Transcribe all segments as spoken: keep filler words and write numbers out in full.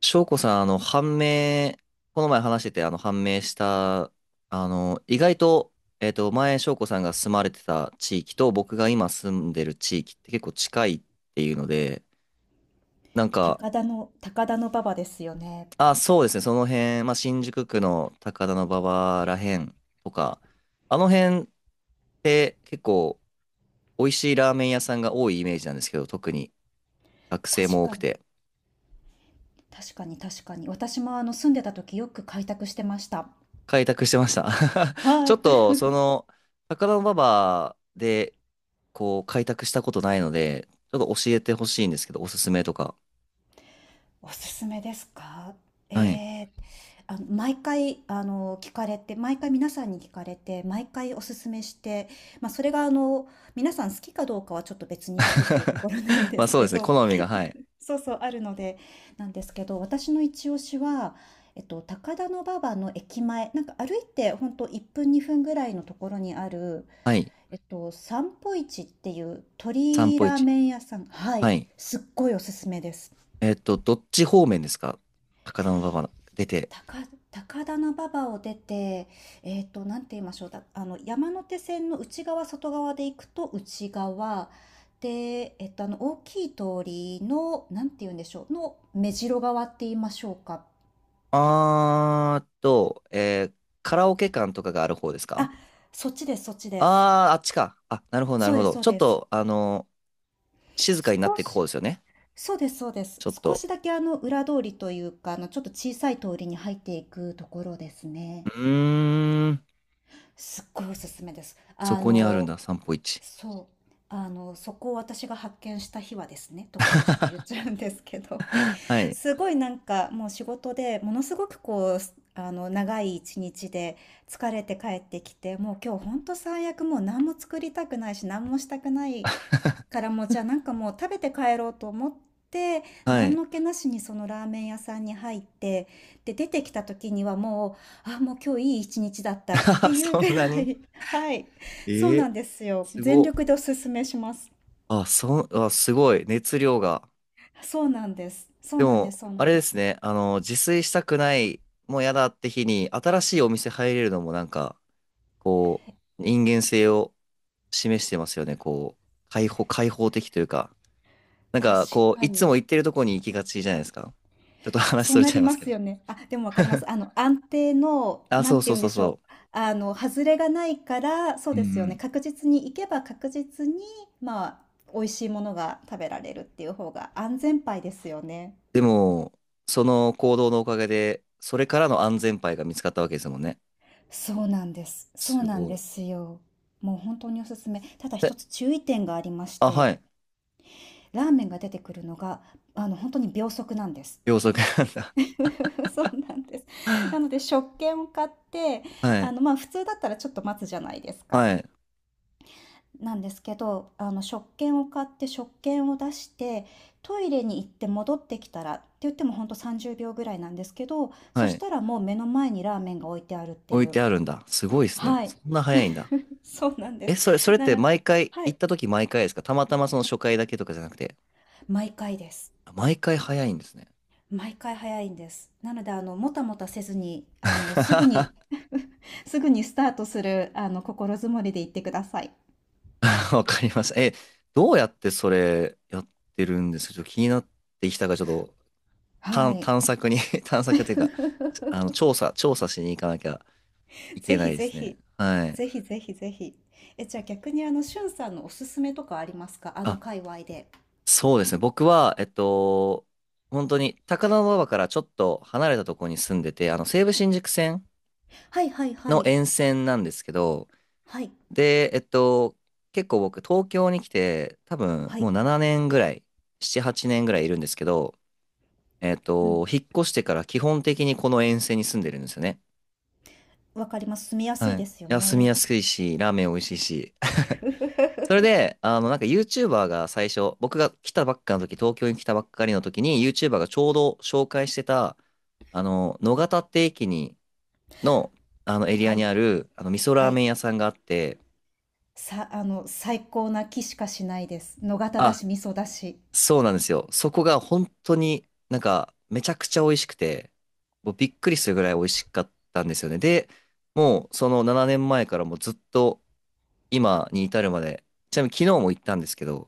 翔子さん、あの、判明、この前話してて、あの、判明した、あの、意外と、えっと、前、翔子さんが住まれてた地域と、僕が今住んでる地域って結構近いっていうので、なんか、高田の、高田の馬場ですよね。あ、そうですね、その辺、まあ、新宿区の高田馬場らへんとか、あの辺って結構、美味しいラーメン屋さんが多いイメージなんですけど、特に学生確も多かくに、て、確かに、確かに。私もあの住んでた時よく開拓してました。開拓してました。ちはょっい。と、その、高田馬場で、こう、開拓したことないので、ちょっと教えてほしいんですけど、おすすめとか。おすすめですか？えはい。ー、あの、毎回、あの、聞かれて、毎回皆さんに聞かれて、毎回おすすめして、まあ、それが、あの、皆さん好きかどうかはちょっと別にしてっていうとこ ろなんでまあすそうけですね、ど、好みが、はい。そうそう、あるので、なんですけど、私の一押しは、えっと、高田馬場の駅前、なんか歩いてほんといっぷんにふんぐらいのところにある、はい。えっと、散歩市っていう散鳥歩ラー市。メン屋さん。はい。はい。すっごいおすすめです。えっと、どっち方面ですか？高田馬場出て。高、高田馬場を出て、えっと、なんて言いましょう。だ、あの、山手線の内側、外側で行くと内側。で、えっと、あの、大きい通りの、なんて言うんでしょう。の目白側って言いましょうか。あーっと、えーカラオケ館とかがある方ですあ、か？そっちですそっちです。あー、あっちか。あ、なるほど、なそるうほですど。そうちょっです。と、あの静かになっ少ていく方し、ですよね。そうですそうです。ちょっ少と。しだけあの裏通りというか、あのちょっと小さい通りに入っていくところですうね。ーん、すっごいおすすめです。そあこにあるんの、だ、散歩市。そう。あの、そこを私が発見した日はですね、とかでちょっと言っちゃうんですけど、は い。すごいなんかもう仕事でものすごくこう、あの、長い一日で疲れて帰ってきて、もう今日ほんと最悪もう何も作りたくないし、何もしたくないからもうじゃあなんかもう食べて帰ろうと思って、は何い。の気なしにそのラーメン屋さんに入って、で出てきた時にはもうあ、もう今日いい一日だったって いうそぐんならにい。 はい、そうええなんですよ。す全ご。力でおすすめします。あ、そ、あ、すごい。熱量が。そうなんですそうでなんでも、すそうなあんれでですす。ね。あの、自炊したくない、もうやだって日に、新しいお店入れるのもなんか、こう、人間性を示してますよね。こう、開放、開放的というか。なん確か、こう、かいつに、も行ってるとこに行きがちじゃないですか。ちょっと話そうそれなちゃりいまますけすど。よね。あ、でもわかりま す。あの、安定の、あ、なそんうてそう言うんそでうしょう、そあの、外れがないから、そうう。うんうですよね、ん。確実に行けば確実に、まあ、美味しいものが食べられるっていう方が安全牌ですよね。でも、その行動のおかげで、それからの安全牌が見つかったわけですもんね。そうなんです。そうすなんごでい。すよ。もう本当におすすめ。ただ一つえ、注意点がありましあ、て、はい。ラーメンが出てくるのが、あの、本当に秒速なんです。秒速なんだ。そうなんです。なので 食券を買って、はあい、の、まあ普通だったらちょっと待つじゃないですか。はい、なんですけど、あの食券を買って食券を出して、トイレに行って戻ってきたらって言ってもほんとさんじゅうびょうぐらいなんですけど、そはしい。たらもう目の前にラーメンが置いてあるって置いいう。てあるんだ。すごいですね。はい、そんな早いんだ。そうなんでえ、す。それ、それっなての毎回、は行っい、た時毎回ですか？たまたまその初回だけとかじゃなくて、毎回です。あ、毎回早いんですね。毎回早いんです。なので、あの、もたもたせずに、あの、すぐに すぐにスタートする、あの、心づもりで行ってください。わかりました。え、どうやってそれやってるんですか？ちょっと気になってきたから、ちょっとは探、い。探索に 探索っていうか、あの、調査、調査しに行かなきゃいけぜないひでぜすね。ひ、はい。ぜひぜひぜひ。え、じゃあ逆にあの、しゅんさんのおすすめとかありますか？あのあ、界隈で。そうですね。僕は、えっと、本当に高田馬場からちょっと離れたところに住んでて、あの、西武新宿線はいはいはのい。沿線なんですけど、はい。で、えっと、結構僕、東京に来て、多分はい。もうななねんぐらい、しち、はちねんぐらいいるんですけど、えっうん。と、引っ越してから基本的にこの沿線に住んでるんですよね。わかります。住みやすはいい。いですよや住みね。やすいし、ラーメン美味しいし。それ で、あの、なんか YouTuber が最初、僕が来たばっかの時、東京に来たばっかりの時に、YouTuber がちょうど紹介してた、あの、野方って駅に、の、あのエリはアい。にある、あの、味噌はラーい。メン屋さんがあって、さ、あの、最高な気しかしないです。野方だあ、し、味噌だし。そうなんですよ。そこが本当になんか、めちゃくちゃ美味しくて、もうびっくりするぐらい美味しかったんですよね。で、もうそのななねんまえからもうずっと今に至るまで、ちなみに昨日も行ったんですけど、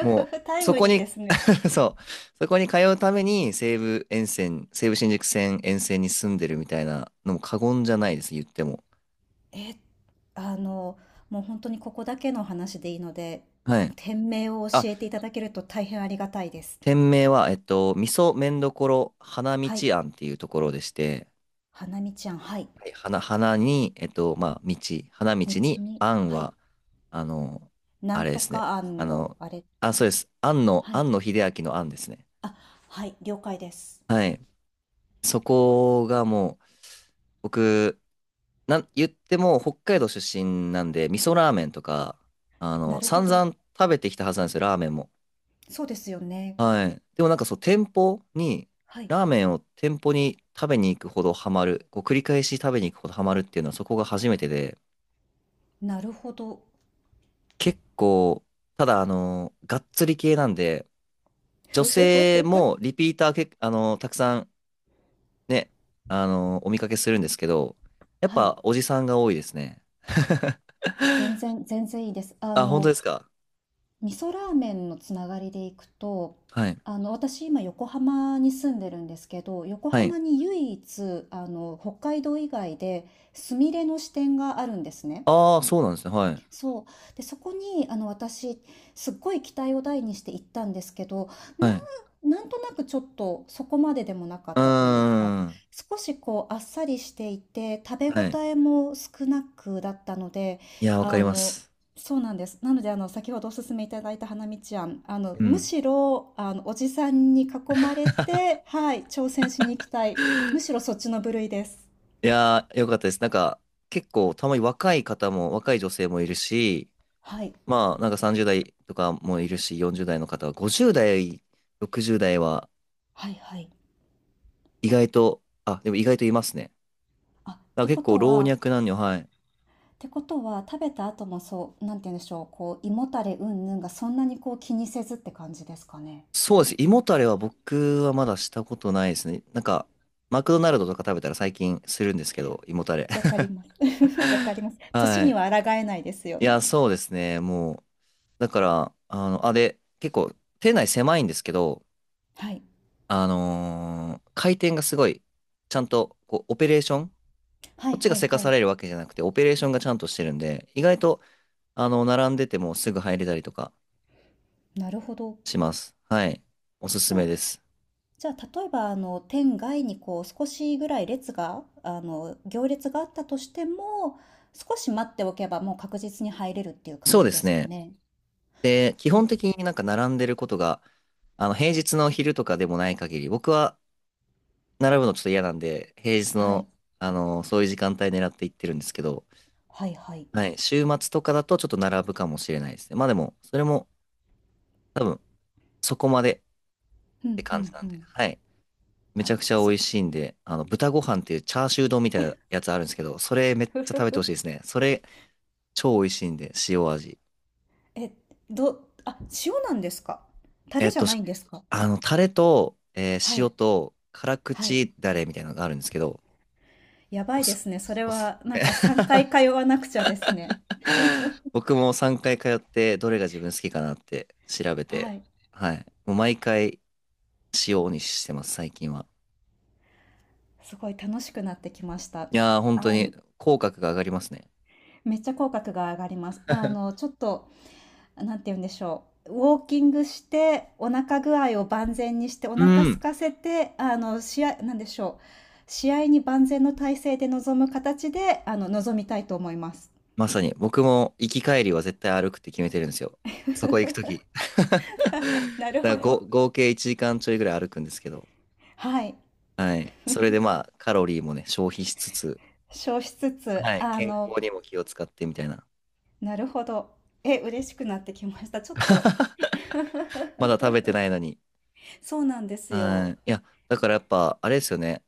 も タう、イそムこリーでに すね。そう、そこに通うために西武沿線、西武新宿線沿線に住んでるみたいなのも過言じゃないです、言っても。え、あの、もう本当にここだけの話でいいので、はい。店名をあ、教えていただけると大変ありがたいです。店名は、えっと、味噌麺どころ花道はい。庵っていうところでして、花見ちゃん、はい。はい花、花に、えっと、まあ、道、花道道にに、庵はい、は、あの、なあれんでとすね。かあ案の、の、あれ、あ、そうです。庵の、はい。庵野秀明の庵ですね。あ、はい、了解です。はい。そこがもう、僕、なん、言っても北海道出身なんで、味噌ラーメンとか、あなの、るほ散ど。々食べてきたはずなんですよ、ラーメンも。そうですよね。はい。でもなんかそう、店舗に、はい、ラーメンを店舗に食べに行くほどハマる、こう繰り返し食べに行くほどハマるっていうのはそこが初めてで、なるほど。結構、ただあの、がっつり系なんで、女ふふ、性もリピーターけ、あの、たくさんね、あの、お見かけするんですけど、やっはい、ぱおじさんが多いですね。全然、全然いいです。ああ、本当の、ですか。味噌ラーメンのつながりでいくと、はい。あの、私今横浜に住んでるんですけど、横はい。浜に唯一、あの、北海道以外で、スミレの支店があるんですね。ああ、そうなんですね。はい。そう。で、そこに、あの、私、すっごい期待を大にして行ったんですけど、はない。ん、なんとなくちょっとそこまででもなかうっーたというか、ん。少しこう、あっさりしていて、食べは応い。えも少なくだったので、いや、わかありまの、す。そうなんです。なので、あの、先ほどお勧めいただいた花道庵、あの、うむん。しろ、あの、おじさんに囲まれて、はい、挑戦しに行きたい。むしろそっちの部類です。いやー、よかったです。なんか、結構、たまに若い方も、若い女性もいるし、はい、まあ、なんかさんじゅうだい代とかもいるし、よんじゅうだい代の方は、ごじゅうだい代、ろくじゅうだい代は、はい、はい。意外と、あ、でも意外といますね。あ、っだからて結こ構、と老は、若男女、はい。ってことは食べた後もそう、なんて言うんでしょう、こう胃もたれうんぬんがそんなにこう気にせずって感じですかね。そうです。胃もたれは僕はまだしたことないですね。なんか、マクドナルドとか食べたら最近するんですけど、胃もたれ。わ かります。わかります。年はにい。は抗えないですよいや、ね。そうですね。もう、だから、あの、あ、で、結構、店内狭いんですけど、はい、あのー回転がすごい、ちゃんと、こう、オペレーション、こはっいちはがいせかはさい。れるわけじゃなくて、オペレーションがちゃんとしてるんで、意外と、あの、並んでてもすぐ入れたりとかなるほど。します。はい。おすすじゃめあ、です。じゃあ例えばあの店外にこう少しぐらい列があの行列があったとしても、少し待っておけばもう確実に入れるっていう感そうじでですすかね。ね。で、基本り的になんか並んでることが、あの、平日の昼とかでもない限り、僕は並ぶのちょっと嫌なんで、平日はの、い、あの、そういう時間帯狙って行ってるんですけど、はいはい。はい。週末とかだとちょっと並ぶかもしれないですね。まあでも、それも多分そこまでっうてんう感じんなうんで。ん。はい。めちあ、ゃくちゃそ美う。 味しいんで、あの、豚ご飯っていうチャーシュー丼みたいなやつあるんですけど、それめっちゃ食べてほしいで すね。それ超美味しいんで、塩味。え、どあ、塩なんですか？タえレっじゃと、なしいんですか？あの、タレと、えはー塩い、と辛はい。口ダレみたいなのがあるんですけど、やばおいです、すね。それおすすはなんめ かさんかい通わなくちゃですね。僕もさんかい通ってどれが自分好きかなって調べて、はい。はい。もう毎回塩にしてます、最近は。すごい楽しくなってきました。いやー、本あ当にの、口角が上がりますね。めっちゃ口角が上がります。あの、ちょっと、なんて言うんでしょう、ウォーキングして、お腹具合を万全にして、おう腹空ん。かせて、あの、試合なんでしょう、試合に万全の体制で臨む形で、あの、臨みたいと思います。まさに、僕も行き帰りは絶対歩くって決めてるんですよ。そこ行くとき。なるだからほごど。合計いちじかんちょいぐらい歩くんですけど、はい。はい。それでまあ、カロリーもね、消費しつつ、消しつつ、はい。あ健の、康にも気を使ってみたいな。なるほど。え、嬉しくなってきました。ちょっと まだ食べてな いのに。そうなんですはよ。い。いや、だからやっぱ、あれですよね。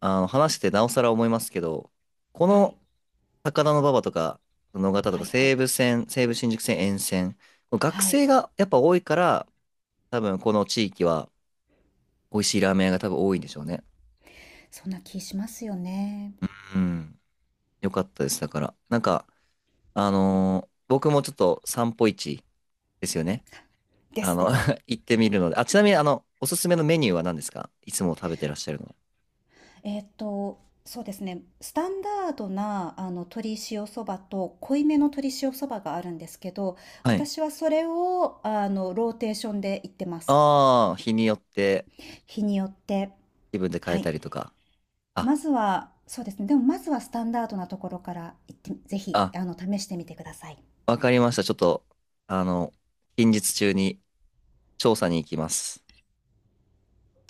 あの、話してなおさら思いますけど、こはのい。高田馬場とか、野方とはか、いはい。西武線、西武新宿線沿線、学はい、生がやっぱ多いから、多分この地域は美味しいラーメン屋が多分多いんでしょうね。そんな気しますよね。うん。よかったです。だから、なんか、あのー僕もちょっと散歩市ですよね。であすの です。行ってみるので。あ、ちなみに、あの、おすすめのメニューは何ですか？いつも食べてらっしゃるのは。えっーと、そうですね。スタンダードな、あの、鶏塩そばと濃いめの鶏塩そばがあるんですけど、はい。私はそれを、あの、ローテーションで行ってます。ああ、日によって日によって。気分で変はえい。たりとか。あまずは、そうですね。でもまずはスタンダードなところから行って、ぜひ、あ、あの、試してみてください。わかりました。ちょっと、あの、近日中に調査に行きます。